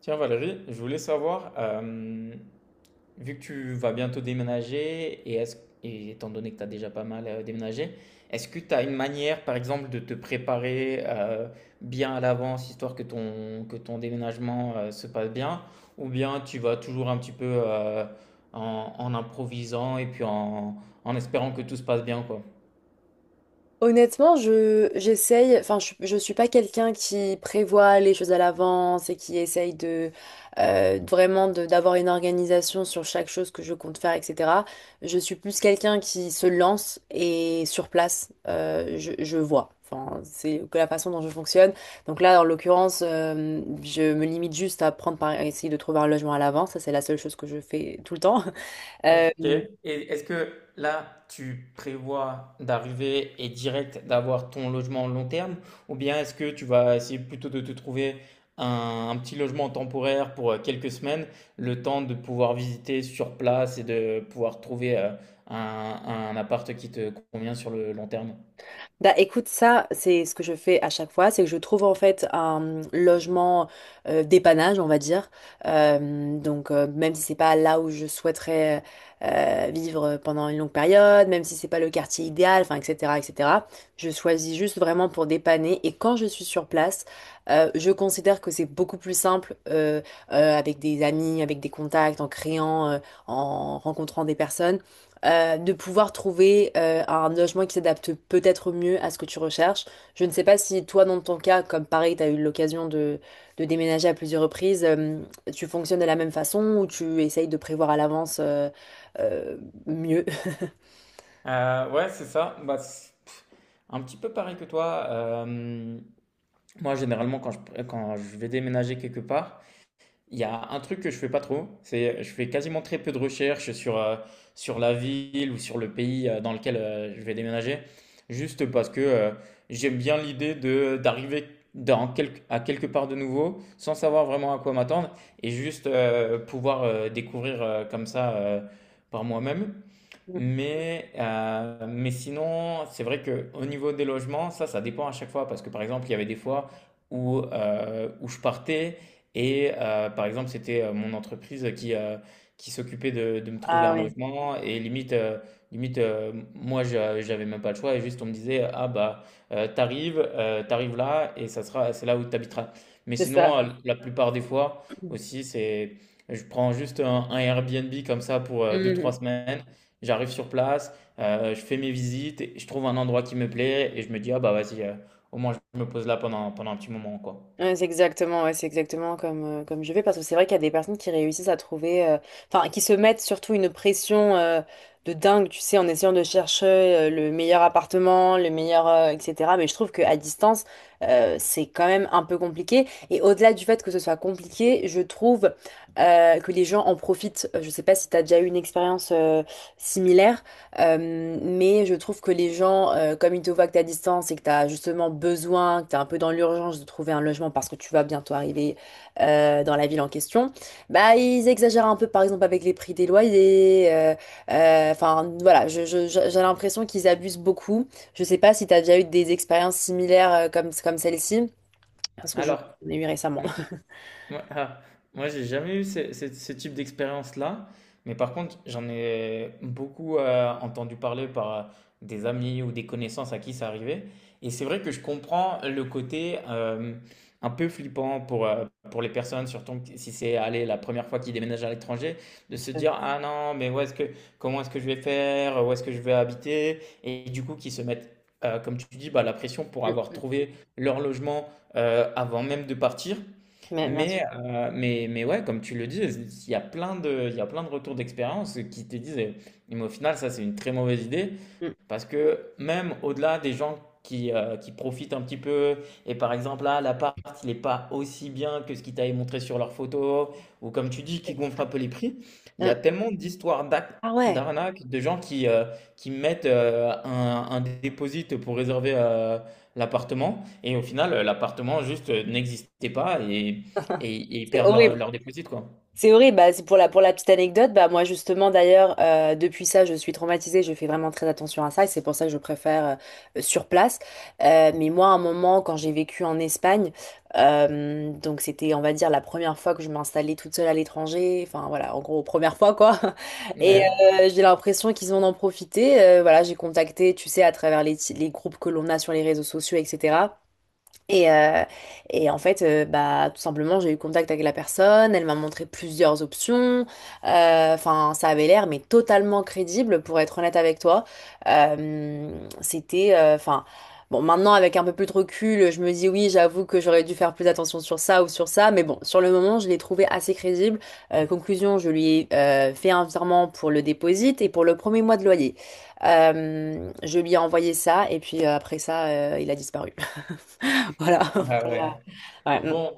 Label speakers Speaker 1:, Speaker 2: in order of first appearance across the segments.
Speaker 1: Tiens Valérie, je voulais savoir, vu que tu vas bientôt déménager et étant donné que tu as déjà pas mal déménagé, est-ce que tu as une manière par exemple de te préparer bien à l'avance, histoire que ton déménagement se passe bien, ou bien tu vas toujours un petit peu en improvisant et puis en espérant que tout se passe bien, quoi?
Speaker 2: Honnêtement, je j'essaye, je suis pas quelqu'un qui prévoit les choses à l'avance et qui essaye de vraiment d'avoir une organisation sur chaque chose que je compte faire, etc. Je suis plus quelqu'un qui se lance et sur place, je vois. Enfin, c'est que la façon dont je fonctionne. Donc là, en l'occurrence, je me limite juste à essayer de trouver un logement à l'avance. Ça, c'est la seule chose que je fais tout le temps.
Speaker 1: OK.
Speaker 2: Euh,
Speaker 1: Et est-ce que là, tu prévois d'arriver et direct d'avoir ton logement long terme, ou bien est-ce que tu vas essayer plutôt de te trouver un petit logement temporaire pour quelques semaines, le temps de pouvoir visiter sur place et de pouvoir trouver un appart qui te convient sur le long terme?
Speaker 2: Bah écoute, ça, c'est ce que je fais à chaque fois, c'est que je trouve en fait un logement dépannage, on va dire. Donc même si c'est pas là où je souhaiterais vivre pendant une longue période, même si c'est pas le quartier idéal, enfin etc. etc. Je choisis juste vraiment pour dépanner. Et quand je suis sur place, je considère que c'est beaucoup plus simple avec des amis, avec des contacts, en rencontrant des personnes de pouvoir trouver un logement qui s'adapte peut-être mieux à ce que tu recherches. Je ne sais pas si toi, dans ton cas, comme pareil, tu as eu l'occasion de déménager à plusieurs reprises, tu fonctionnes de la même façon ou tu essayes de prévoir à l'avance euh, mieux.
Speaker 1: Ouais, c'est ça. Bah, un petit peu pareil que toi. Moi, généralement, quand je vais déménager quelque part, il y a un truc que je fais pas trop, c'est je fais quasiment très peu de recherches sur la ville ou sur le pays dans lequel je vais déménager, juste parce que j'aime bien l'idée de d'arriver à quelque part de nouveau sans savoir vraiment à quoi m'attendre, et juste pouvoir découvrir comme ça par moi-même. Mais, mais sinon, c'est vrai qu'au niveau des logements, ça dépend à chaque fois. Parce que par exemple, il y avait des fois où je partais et par exemple, c'était mon entreprise qui s'occupait de me trouver
Speaker 2: Ah
Speaker 1: un
Speaker 2: ouais,
Speaker 1: logement. Et limite, limite moi, j'avais même pas le choix. Et juste, on me disait, ah bah, t'arrives là et ça sera, c'est là où t'habiteras. Mais
Speaker 2: c'est
Speaker 1: sinon,
Speaker 2: ça.
Speaker 1: la plupart des fois aussi, c'est. Je prends juste un Airbnb comme ça pour deux trois
Speaker 2: Mhm.
Speaker 1: semaines. J'arrive sur place, je fais mes visites, et je trouve un endroit qui me plaît et je me dis, ah bah vas-y, au moins je me pose là pendant un petit moment, quoi.
Speaker 2: Ouais, c'est exactement comme, comme je vais parce que c'est vrai qu'il y a des personnes qui réussissent à trouver, enfin, qui se mettent surtout une pression de dingue, tu sais, en essayant de chercher le meilleur appartement, le meilleur, etc. Mais je trouve qu'à distance, c'est quand même un peu compliqué. Et au-delà du fait que ce soit compliqué, je trouve que les gens en profitent. Je sais pas si tu as déjà eu une expérience similaire, mais je trouve que les gens, comme ils te voient que tu à distance et que tu as justement besoin, que tu es un peu dans l'urgence de trouver un logement parce que tu vas bientôt arriver dans la ville en question, bah ils exagèrent un peu par exemple avec les prix des loyers. Enfin voilà, j'ai l'impression qu'ils abusent beaucoup. Je sais pas si tu as déjà eu des expériences similaires comme, comme celle-ci, parce que j'en
Speaker 1: Alors,
Speaker 2: ai eu récemment.
Speaker 1: ouais, ah, moi, j'ai jamais eu ce type d'expérience-là, mais par contre, j'en ai beaucoup entendu parler par des amis ou des connaissances à qui ça arrivait. Et c'est vrai que je comprends le côté un peu flippant pour les personnes, surtout que si c'est, allez, la première fois qu'ils déménagent à l'étranger, de se dire, ah non, mais où est-ce que, comment est-ce que je vais faire, où est-ce que je vais habiter? Et du coup, qu'ils se mettent, comme tu dis, bah, la pression pour
Speaker 2: Mm,
Speaker 1: avoir
Speaker 2: mm.
Speaker 1: trouvé leur logement avant même de partir.
Speaker 2: Mais bien sûr.
Speaker 1: Mais, mais ouais, comme tu le dis, il y a plein de, il y a plein de retours d'expérience qui te disent, eh, mais au final, ça, c'est une très mauvaise idée.
Speaker 2: Mm.
Speaker 1: Parce que même au-delà des gens qui profitent un petit peu, et par exemple là, l'appart, il n'est pas aussi bien que ce qu'ils t'avaient montré sur leurs photos, ou, comme tu dis, qui gonflent un peu les prix, il y a
Speaker 2: Mm.
Speaker 1: tellement d'histoires d'ac-
Speaker 2: Ah ouais,
Speaker 1: d'arnaques, de gens qui mettent un dépôt pour réserver l'appartement, et au final, l'appartement juste n'existait pas, et, et ils
Speaker 2: c'est
Speaker 1: perdent leur,
Speaker 2: horrible.
Speaker 1: leur dépôt, quoi.
Speaker 2: C'est horrible. Bah, c'est pour la petite anecdote, bah, moi justement d'ailleurs, depuis ça, je suis traumatisée, je fais vraiment très attention à ça et c'est pour ça que je préfère sur place. Mais moi, à un moment, quand j'ai vécu en Espagne, donc c'était, on va dire, la première fois que je m'installais toute seule à l'étranger, enfin voilà, en gros, première fois quoi. Et
Speaker 1: Ouais.
Speaker 2: j'ai l'impression qu'ils ont en profité. Voilà, j'ai contacté, tu sais, à travers les groupes que l'on a sur les réseaux sociaux, etc. Et, euh, et en fait, bah, tout simplement, j'ai eu contact avec la personne, elle m'a montré plusieurs options. Enfin, ça avait l'air, mais totalement crédible, pour être honnête avec toi. Euh, c'était, enfin, bon, maintenant, avec un peu plus de recul, je me dis oui, j'avoue que j'aurais dû faire plus attention sur ça ou sur ça, mais bon, sur le moment, je l'ai trouvé assez crédible. Conclusion, je lui ai fait un virement pour le déposit et pour le premier mois de loyer. Je lui ai envoyé ça, et puis après ça, il a disparu. Voilà.
Speaker 1: Ah
Speaker 2: Voilà.
Speaker 1: ouais.
Speaker 2: Ouais, mm.
Speaker 1: Bon,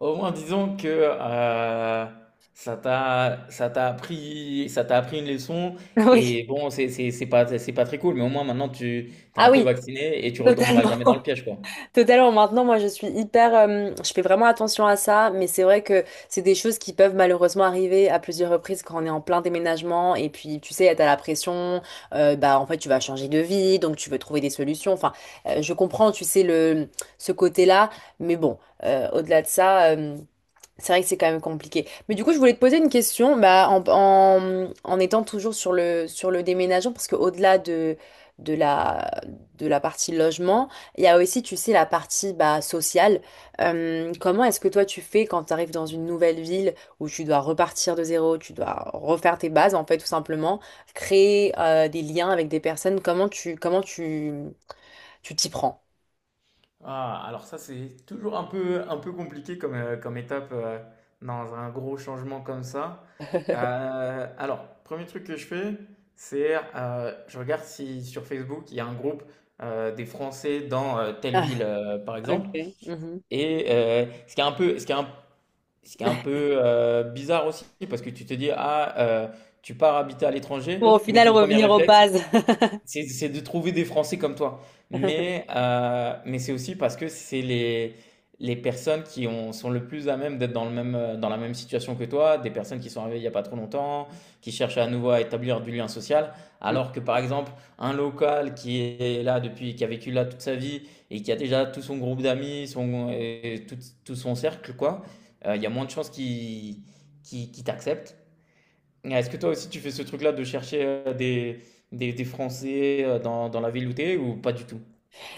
Speaker 1: au moins, disons que ça t'a appris une leçon,
Speaker 2: Oui.
Speaker 1: et bon, c'est pas très cool, mais au moins maintenant tu t'es un
Speaker 2: Ah
Speaker 1: peu
Speaker 2: oui,
Speaker 1: vacciné et tu retomberas
Speaker 2: totalement.
Speaker 1: jamais dans le piège, quoi.
Speaker 2: Totalement. Maintenant, moi, je suis hyper... je fais vraiment attention à ça, mais c'est vrai que c'est des choses qui peuvent malheureusement arriver à plusieurs reprises quand on est en plein déménagement. Et puis, tu sais, t'as la pression. Bah, en fait, tu vas changer de vie, donc tu veux trouver des solutions. Enfin, je comprends, tu sais, le, ce côté-là. Mais bon, au-delà de ça... c'est vrai que c'est quand même compliqué. Mais du coup, je voulais te poser une question, bah, en étant toujours sur le déménagement, parce qu'au-delà de la, de la partie logement, il y a aussi, tu sais, la partie bah, sociale. Comment est-ce que toi, tu fais quand tu arrives dans une nouvelle ville où tu dois repartir de zéro, tu dois refaire tes bases, en fait, tout simplement, créer des liens avec des personnes, comment tu, tu t'y prends?
Speaker 1: Ah, alors ça c'est toujours un peu compliqué comme comme étape dans un gros changement comme ça. Alors, premier truc que je fais, c'est je regarde si sur Facebook il y a un groupe des Français dans telle ville
Speaker 2: Ah,
Speaker 1: par exemple.
Speaker 2: ok. Mhm.
Speaker 1: Et ce qui est un peu bizarre aussi, parce que tu te dis, ah, tu pars habiter à l'étranger,
Speaker 2: Pour au
Speaker 1: mais
Speaker 2: final
Speaker 1: ton premier
Speaker 2: revenir aux
Speaker 1: réflexe,
Speaker 2: bases.
Speaker 1: c'est de trouver des Français comme toi. Mais, mais c'est aussi parce que c'est les personnes qui sont le plus à même d'être dans la même situation que toi, des personnes qui sont arrivées il n'y a pas trop longtemps, qui cherchent à nouveau à établir du lien social,
Speaker 2: Mm.
Speaker 1: alors que par exemple, un local qui est là depuis, qui a vécu là toute sa vie et qui a déjà tout son groupe d'amis, son, et tout, tout son cercle, quoi, il y a moins de chances qu'il t'accepte. Ah, est-ce que toi aussi tu fais ce truc-là de chercher des Français dans la ville où t'es, ou pas du tout?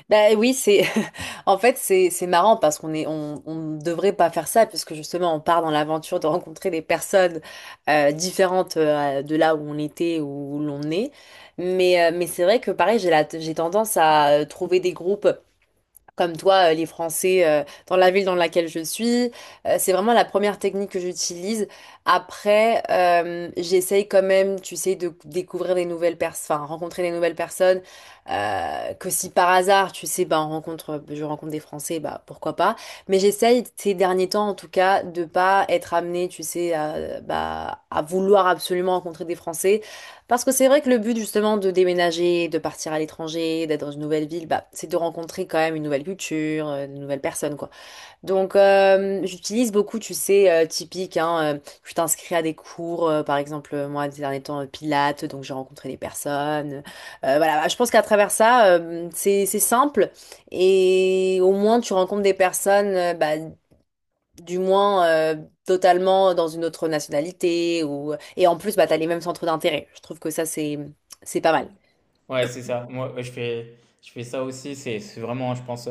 Speaker 2: Bah oui, c'est en fait c'est marrant parce qu'on est on ne devrait pas faire ça puisque justement on part dans l'aventure de rencontrer des personnes différentes de là où on était ou où l'on est. Mais c'est vrai que pareil, j'ai tendance à trouver des groupes. Comme toi, les Français, dans la ville dans laquelle je suis. C'est vraiment la première technique que j'utilise. Après, j'essaye quand même, tu sais, de découvrir des nouvelles personnes, enfin, rencontrer des nouvelles personnes. Que si par hasard, tu sais, ben, on rencontre, je rencontre des Français, bah, pourquoi pas. Mais j'essaye ces derniers temps, en tout cas, de pas être amenée, tu sais, à, bah, à vouloir absolument rencontrer des Français. Parce que c'est vrai que le but justement de déménager, de partir à l'étranger, d'être dans une nouvelle ville, bah, c'est de rencontrer quand même une nouvelle culture, de nouvelles personnes quoi. Donc j'utilise beaucoup, tu sais, typique, hein, je t'inscris à des cours, par exemple moi ces derniers temps Pilates, donc j'ai rencontré des personnes. Voilà, bah, je pense qu'à travers ça, c'est simple et au moins tu rencontres des personnes, bah, du moins totalement dans une autre nationalité ou et en plus bah t'as les mêmes centres d'intérêt. Je trouve que ça c'est pas mal.
Speaker 1: Ouais, c'est ça. Moi, je fais ça aussi. C'est vraiment, je pense,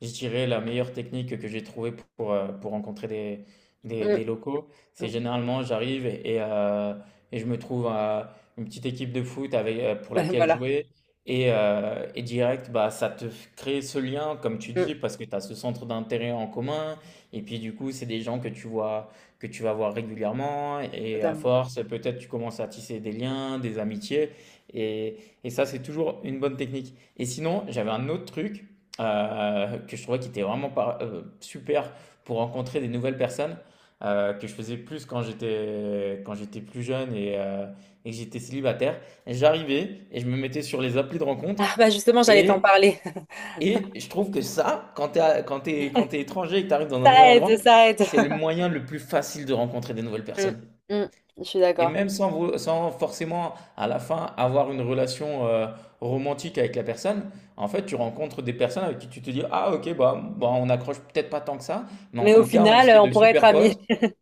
Speaker 1: je dirais la meilleure technique que j'ai trouvée pour rencontrer des, des,
Speaker 2: Mm,
Speaker 1: des locaux: c'est généralement j'arrive et je me trouve une petite équipe de foot avec, pour
Speaker 2: mm.
Speaker 1: laquelle
Speaker 2: Voilà.
Speaker 1: jouer. Et, et direct, bah, ça te crée ce lien, comme tu
Speaker 2: Mm,
Speaker 1: dis, parce que tu as ce centre d'intérêt en commun. Et puis du coup, c'est des gens que tu vois, que tu vas voir régulièrement. Et à
Speaker 2: totalement.
Speaker 1: force, peut-être tu commences à tisser des liens, des amitiés. Et, et ça, c'est toujours une bonne technique. Et sinon, j'avais un autre truc que je trouvais qui était vraiment super pour rencontrer des nouvelles personnes que je faisais plus quand j'étais plus jeune, et que j'étais célibataire. J'arrivais et je me mettais sur les applis de rencontre,
Speaker 2: Ah bah justement j'allais t'en
Speaker 1: et
Speaker 2: parler.
Speaker 1: et je trouve que ça, quand t'es à- quand t'es étranger et que t'arrives dans un nouvel
Speaker 2: Ça
Speaker 1: endroit,
Speaker 2: aide, ça aide.
Speaker 1: c'est le moyen le plus facile de rencontrer des nouvelles
Speaker 2: Mm,
Speaker 1: personnes.
Speaker 2: mm, je suis
Speaker 1: Et même
Speaker 2: d'accord.
Speaker 1: sans, sans forcément à la fin avoir une relation romantique avec la personne, en fait tu rencontres des personnes avec qui tu te dis, ah ok, bah, on accroche peut-être pas tant que ça, mais en
Speaker 2: Mais au
Speaker 1: tout cas on
Speaker 2: final,
Speaker 1: serait
Speaker 2: on
Speaker 1: de
Speaker 2: pourrait être
Speaker 1: super
Speaker 2: amis.
Speaker 1: potes,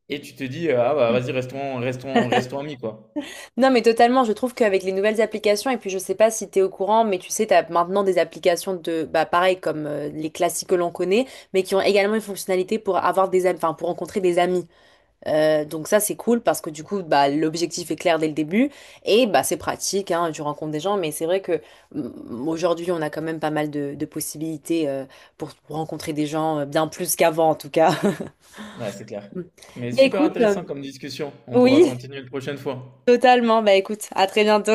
Speaker 1: et tu te dis ah bah vas-y, restons amis, quoi.
Speaker 2: Non, mais totalement, je trouve qu'avec les nouvelles applications, et puis je sais pas si t'es au courant, mais tu sais, t'as maintenant des applications de, bah pareil, comme les classiques que l'on connaît, mais qui ont également une fonctionnalité pour avoir des amis, enfin, pour rencontrer des amis. Donc ça c'est cool parce que du coup bah, l'objectif est clair dès le début et bah, c'est pratique, hein, tu rencontres des gens mais c'est vrai que mm, aujourd'hui on a quand même pas mal de possibilités pour rencontrer des gens bien plus qu'avant en tout cas.
Speaker 1: Ouais, c'est clair. Mais
Speaker 2: Mais
Speaker 1: super
Speaker 2: écoute,
Speaker 1: intéressant comme discussion, on pourra
Speaker 2: oui,
Speaker 1: continuer une prochaine fois.
Speaker 2: totalement, bah écoute, à très bientôt.